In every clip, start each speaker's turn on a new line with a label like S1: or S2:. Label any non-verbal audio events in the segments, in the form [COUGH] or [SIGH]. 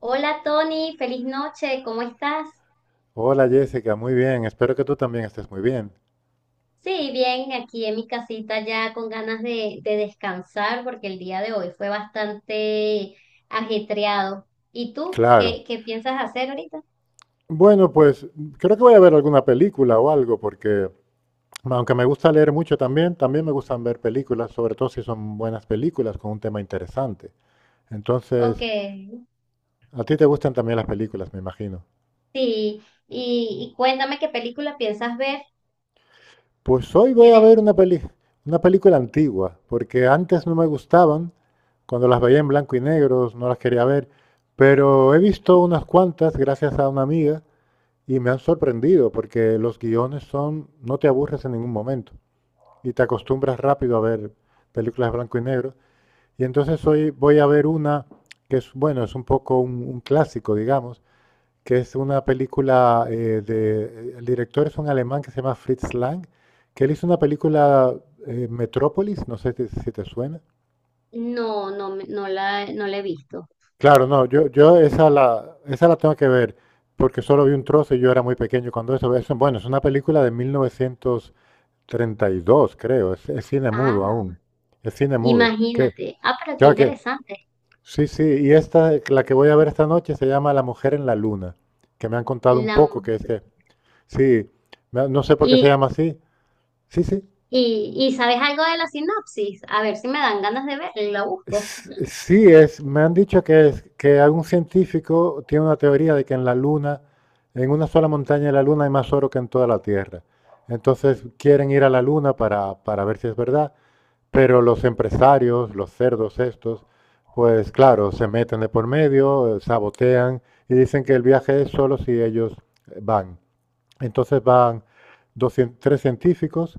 S1: Hola Tony, feliz noche, ¿cómo estás?
S2: Hola Jessica, muy bien. Espero que tú también estés muy bien.
S1: Sí, bien, aquí en mi casita ya con ganas de descansar porque el día de hoy fue bastante ajetreado. ¿Y tú qué,
S2: Claro.
S1: qué piensas hacer ahorita?
S2: Bueno, pues creo que voy a ver alguna película o algo, porque aunque me gusta leer mucho también, también me gustan ver películas, sobre todo si son buenas películas con un tema interesante.
S1: Ok,
S2: Entonces,
S1: sí,
S2: a ti te gustan también las películas, me imagino.
S1: y, y cuéntame qué película piensas ver.
S2: Pues hoy voy a
S1: ¿Tienes?
S2: ver una peli, una película antigua, porque antes no me gustaban, cuando las veía en blanco y negro, no las quería ver, pero he visto unas cuantas gracias a una amiga. Y me han sorprendido porque los guiones son, no te aburres en ningún momento y te acostumbras rápido a ver películas de blanco y negro. Y entonces hoy voy a ver una que es, bueno, es un poco un clásico, digamos, que es una película el director es un alemán que se llama Fritz Lang, que él hizo una película Metrópolis, no sé si te suena.
S1: No, no, no no la he visto.
S2: Claro, no, yo esa la tengo que ver porque solo vi un trozo y yo era muy pequeño cuando eso. Eso, bueno, es una película de 1900 treinta y dos creo. Es cine mudo
S1: Ah,
S2: aún. Es cine mudo. Que,
S1: imagínate. Ah, pero qué
S2: ya que,
S1: interesante.
S2: sí, sí. Y esta, la que voy a ver esta noche se llama La Mujer en la Luna, que me han contado un
S1: La
S2: poco, que es
S1: mujer.
S2: que, sí, no sé por qué se
S1: Y,
S2: llama así. Sí, sí.
S1: ¿Y sabes algo de la sinopsis? A ver si me dan ganas de verla y la busco.
S2: Sí, es, me han dicho que, es, que algún científico tiene una teoría de que en la Luna, en una sola montaña de la Luna hay más oro que en toda la Tierra. Entonces quieren ir a la Luna para ver si es verdad. Pero los empresarios, los cerdos estos, pues claro, se meten de por medio, sabotean y dicen que el viaje es solo si ellos van. Entonces van dos tres científicos,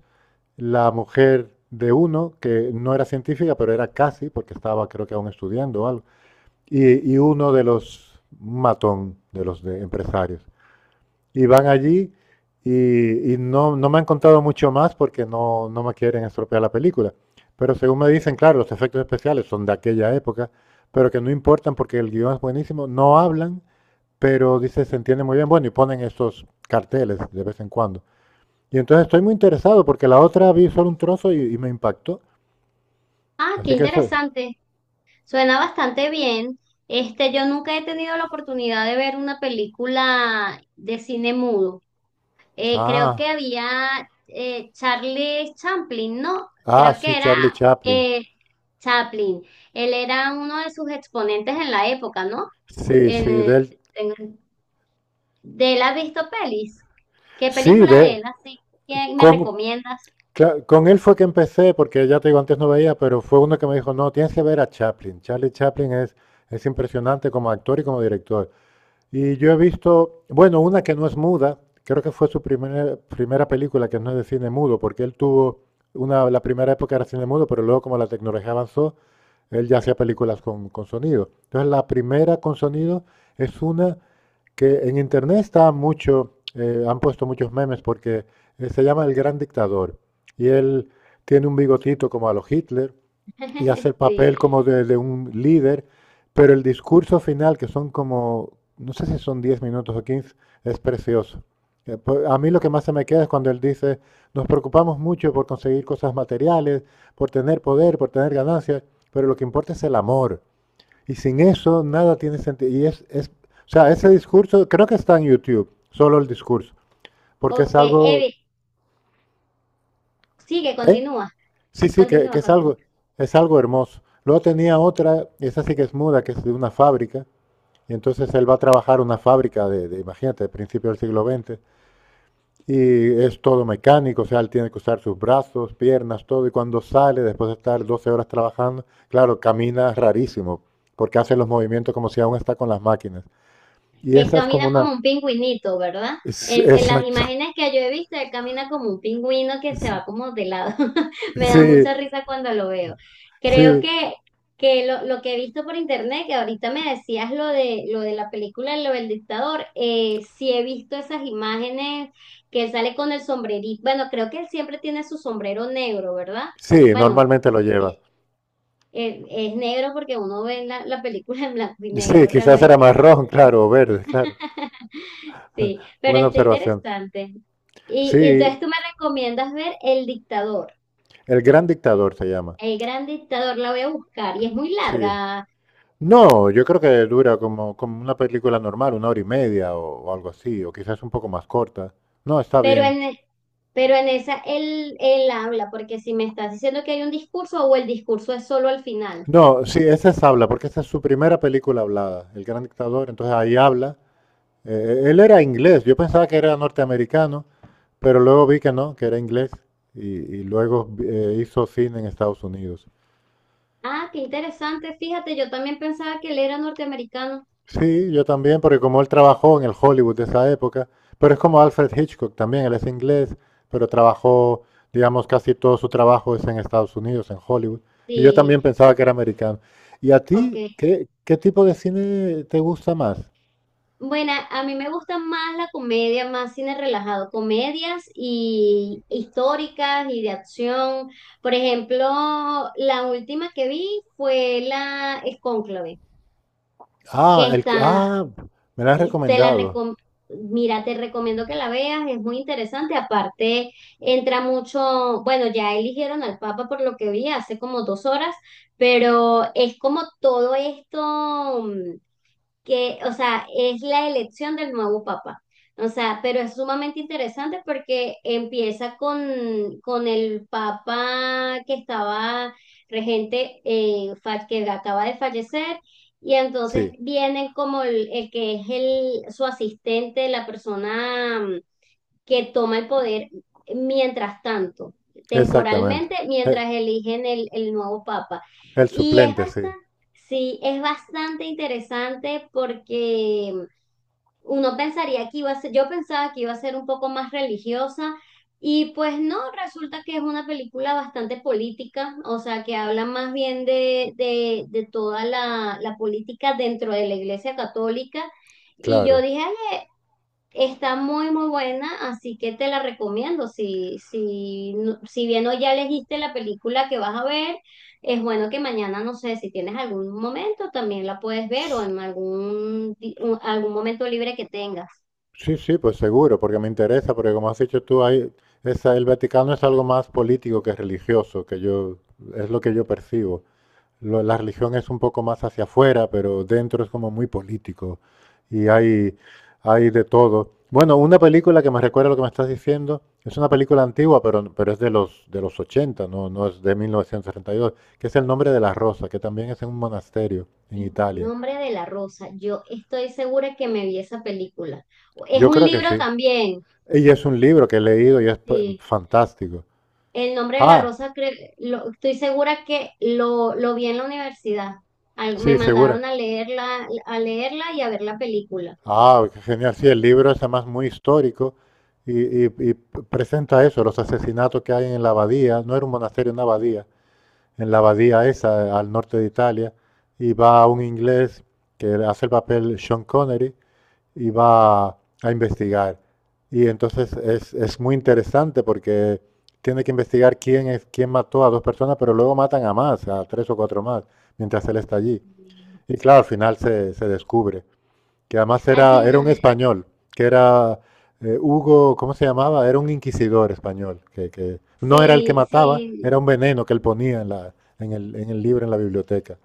S2: la mujer de uno, que no era científica, pero era casi, porque estaba creo que aún estudiando o algo, y uno de los matón, de los de empresarios y van allí y no, no me han contado mucho más porque no, no me quieren estropear la película. Pero según me dicen, claro, los efectos especiales son de aquella época, pero que no importan porque el guión es buenísimo, no hablan, pero dice, se entiende muy bien, bueno, y ponen estos carteles de vez en cuando. Y entonces estoy muy interesado porque la otra vi solo un trozo y me impactó.
S1: Ah, qué
S2: Así que eso es.
S1: interesante. Suena bastante bien. Este, yo nunca he tenido la oportunidad de ver una película de cine mudo. Creo que
S2: Ah,
S1: había Charlie Chaplin, ¿no?
S2: ah,
S1: Creo
S2: sí,
S1: que era
S2: Charlie Chaplin.
S1: eh, Chaplin. Él era uno de sus exponentes en la época, ¿no?
S2: Sí,
S1: En-
S2: sí,
S1: eh,
S2: del,
S1: en- ¿De él has visto pelis? ¿Qué
S2: sí,
S1: película de
S2: de,
S1: él así que me
S2: con,
S1: recomiendas?
S2: claro, con él fue que empecé, porque ya te digo, antes no veía, pero fue uno que me dijo, no, tienes que ver a Chaplin. Charlie Chaplin es impresionante como actor y como director. Y yo he visto, bueno, una que no es muda, creo que fue su primera película que no es de cine mudo, porque él tuvo la primera época era cine mudo, pero luego como la tecnología avanzó, él ya hacía películas con sonido. Entonces la primera con sonido es una que en internet está mucho, han puesto muchos memes porque se llama El Gran Dictador y él tiene un bigotito como a los Hitler y hace
S1: [LAUGHS]
S2: el
S1: Sí.
S2: papel como de un líder, pero el discurso final, que son como, no sé si son 10 minutos o 15 es precioso. Pues, a mí lo que más se me queda es cuando él dice, nos preocupamos mucho por conseguir cosas materiales, por tener poder, por tener ganancias, pero lo que importa es el amor. Y sin eso nada tiene sentido. Y es, o sea, ese discurso, creo que está en YouTube, solo el discurso, porque es
S1: Ok,
S2: algo,
S1: Evi, sigue,
S2: ¿eh?
S1: continúa,
S2: Sí, sí, que,
S1: continúa,
S2: que
S1: continúa.
S2: es algo hermoso. Luego tenía otra, esa sí que es muda, que es de una fábrica, y entonces él va a trabajar una fábrica de imagínate, de principios del siglo XX y es todo mecánico, o sea, él tiene que usar sus brazos, piernas, todo, y cuando sale, después de estar 12 horas trabajando, claro, camina rarísimo, porque hace los movimientos como si aún está con las máquinas. Y
S1: Él
S2: esa es como
S1: camina
S2: una,
S1: como un pingüinito, ¿verdad?
S2: Es-
S1: En las
S2: Exacto.
S1: imágenes que yo he visto, él camina como un pingüino que se va como de lado. [LAUGHS] Me da
S2: Sí,
S1: mucha risa cuando lo veo.
S2: sí,
S1: Creo que, lo que he visto por internet, que ahorita me decías lo de la película, lo del dictador, sí he visto esas imágenes que él sale con el sombrerito. Bueno, creo que él siempre tiene su sombrero negro, ¿verdad?
S2: sí,
S1: Bueno,
S2: normalmente lo lleva.
S1: eh, es negro porque uno ve la película en blanco y
S2: Y sí,
S1: negro
S2: quizás
S1: realmente.
S2: era marrón, claro, o verde, claro.
S1: [LAUGHS] Sí, pero
S2: Buena
S1: está
S2: observación.
S1: interesante. Y entonces
S2: Sí,
S1: tú me recomiendas ver El Dictador,
S2: El Gran Dictador se llama.
S1: El Gran Dictador, la voy a buscar y es muy
S2: Sí.
S1: larga,
S2: No, yo creo que dura como una película normal, una hora y media o algo así, o quizás un poco más corta. No, está
S1: pero
S2: bien.
S1: en, e, pero en esa él, él habla, porque si me estás diciendo que hay un discurso o el discurso es solo al final.
S2: No, sí, esa es habla, porque esa es su primera película hablada, El Gran Dictador, entonces ahí habla. Él era inglés, yo pensaba que era norteamericano, pero luego vi que no, que era inglés y, y luego hizo cine en Estados Unidos.
S1: Ah, qué interesante, fíjate, yo también pensaba que él era norteamericano.
S2: Sí, yo también, porque como él trabajó en el Hollywood de esa época, pero es como Alfred Hitchcock también, él es inglés, pero trabajó, digamos, casi todo su trabajo es en Estados Unidos, en Hollywood. Y yo
S1: Sí,
S2: también pensaba que era americano. ¿Y a ti
S1: ok.
S2: qué tipo de cine te gusta más?
S1: Bueno, a mí me gusta más la comedia, más cine relajado, comedias y históricas y de acción. Por ejemplo, la última que vi fue la es Cónclave, que
S2: Ah, el,
S1: está,
S2: ah, me lo has
S1: y te la
S2: recomendado.
S1: recom- mira, te recomiendo que la veas, es muy interesante. Aparte, entra mucho, bueno, ya eligieron al Papa por lo que vi hace como dos horas, pero es como todo esto. Que, o sea, es la elección del nuevo papa. O sea, pero es sumamente interesante porque empieza con el papa que estaba regente, que acaba de fallecer, y entonces
S2: Sí,
S1: vienen como el que es el, su asistente, la persona que toma el poder mientras tanto,
S2: exactamente.
S1: temporalmente,
S2: Eh,
S1: mientras eligen el nuevo papa.
S2: El
S1: Y es
S2: suplente, sí,
S1: bastante, sí, es bastante interesante porque uno pensaría que iba a ser, yo pensaba que iba a ser un poco más religiosa. Y pues no, resulta que es una película bastante política, o sea, que habla más bien de toda la, la política dentro de la Iglesia Católica. Y yo
S2: claro.
S1: dije, ay, está muy, muy buena, así que te la recomiendo. Si, si bien hoy ya elegiste la película que vas a ver, es bueno que mañana, no sé, si tienes algún momento, también la puedes ver o en algún momento libre que tengas.
S2: Sí, sí, pues seguro, porque me interesa, porque como has dicho tú, hay, esa, el Vaticano es algo más político que religioso, que yo, es lo que yo percibo. La religión es un poco más hacia afuera, pero dentro es como muy político y hay de todo. Bueno, una película que me recuerda lo que me estás diciendo, es una película antigua, pero es de los 80, no, no es de 1962, que es El nombre de la rosa, que también es en un monasterio en
S1: En
S2: Italia.
S1: nombre de la rosa, yo estoy segura que me vi esa película. Es
S2: Yo
S1: un
S2: creo que
S1: libro
S2: sí.
S1: también.
S2: Y es un libro que he leído y es p-
S1: Sí.
S2: fantástico.
S1: El nombre de la
S2: Ah,
S1: rosa, estoy segura que lo vi en la universidad. Me
S2: sí, segura.
S1: mandaron a leerla y a ver la película.
S2: Ah, qué genial. Sí, el libro es además muy histórico y presenta eso, los asesinatos que hay en la abadía. No era un monasterio, una abadía. En la abadía esa, al norte de Italia. Y va un inglés que hace el papel Sean Connery y va a investigar. Y entonces es muy interesante porque tiene que investigar quién es, quién mató a dos personas, pero luego matan a más, a tres o cuatro más, mientras él está allí. Y claro, al final se descubre que además
S1: Al
S2: era un
S1: final,
S2: español, que era Hugo, ¿cómo se llamaba? Era un inquisidor español, que no era el que
S1: sí,
S2: mataba,
S1: sí,
S2: era un veneno que él ponía en el libro, en la biblioteca.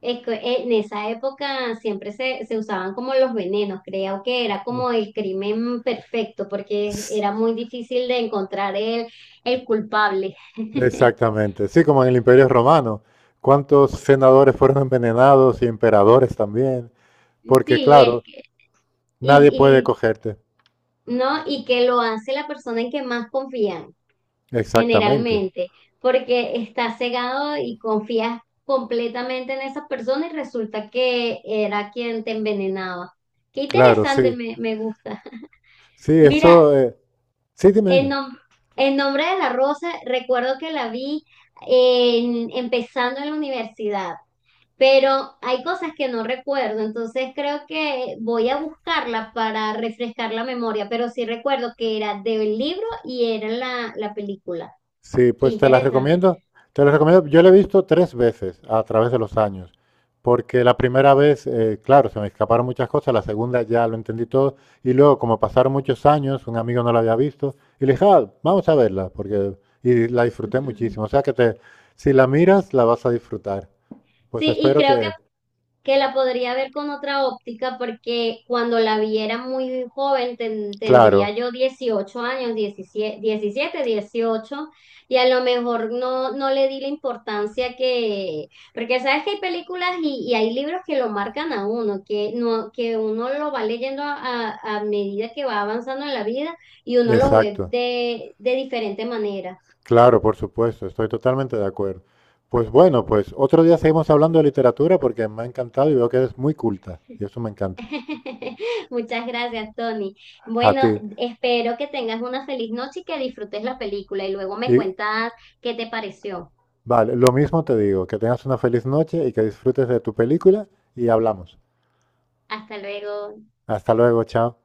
S1: es que en esa época siempre se usaban como los venenos, creo que era como el crimen perfecto, porque
S2: Sí.
S1: era muy difícil de encontrar el culpable. [LAUGHS]
S2: Exactamente. Sí, como en el Imperio Romano. ¿Cuántos senadores fueron envenenados y emperadores también? Porque
S1: Sí,
S2: claro, nadie puede
S1: y,
S2: cogerte.
S1: ¿no? Y que lo hace la persona en que más confían,
S2: Exactamente.
S1: generalmente, porque estás cegado y confías completamente en esa persona y resulta que era quien te envenenaba. Qué
S2: Claro,
S1: interesante,
S2: sí.
S1: me gusta. [LAUGHS]
S2: Sí,
S1: Mira,
S2: eso. Sí, dime,
S1: en,
S2: dime.
S1: nom- en nombre de la rosa, recuerdo que la vi empezando en la universidad, pero hay cosas que no recuerdo, entonces creo que voy a buscarla para refrescar la memoria, pero sí recuerdo que era del libro y era la, la película.
S2: Sí,
S1: Qué
S2: pues te las
S1: interesante.
S2: recomiendo. Te las recomiendo. Yo la he visto tres veces a través de los años, porque la primera vez, claro, se me escaparon muchas cosas, la segunda ya lo entendí todo, y luego, como pasaron muchos años, un amigo no la había visto, y le dije: "Ah, vamos a verla", porque y la disfruté muchísimo. O
S1: [LAUGHS]
S2: sea que te, si la miras, la vas a disfrutar. Pues
S1: Sí, y
S2: espero
S1: creo
S2: que,
S1: que la podría ver con otra óptica porque cuando la viera muy joven tendría
S2: claro,
S1: yo 18 años, 17, 18 y a lo mejor no, no le di la importancia que, porque sabes que hay películas y hay libros que lo marcan a uno, que, no, que uno lo va leyendo a medida que va avanzando en la vida y uno lo ve
S2: exacto.
S1: de diferente manera.
S2: Claro, por supuesto, estoy totalmente de acuerdo. Pues bueno, pues otro día seguimos hablando de literatura porque me ha encantado y veo que eres muy culta y eso me encanta.
S1: [LAUGHS] Muchas gracias, Tony.
S2: A
S1: Bueno,
S2: ti.
S1: espero que tengas una feliz noche y que disfrutes la película y luego me
S2: Y
S1: cuentas qué te pareció.
S2: vale, lo mismo te digo, que tengas una feliz noche y que disfrutes de tu película y hablamos.
S1: Hasta luego.
S2: Hasta luego, chao.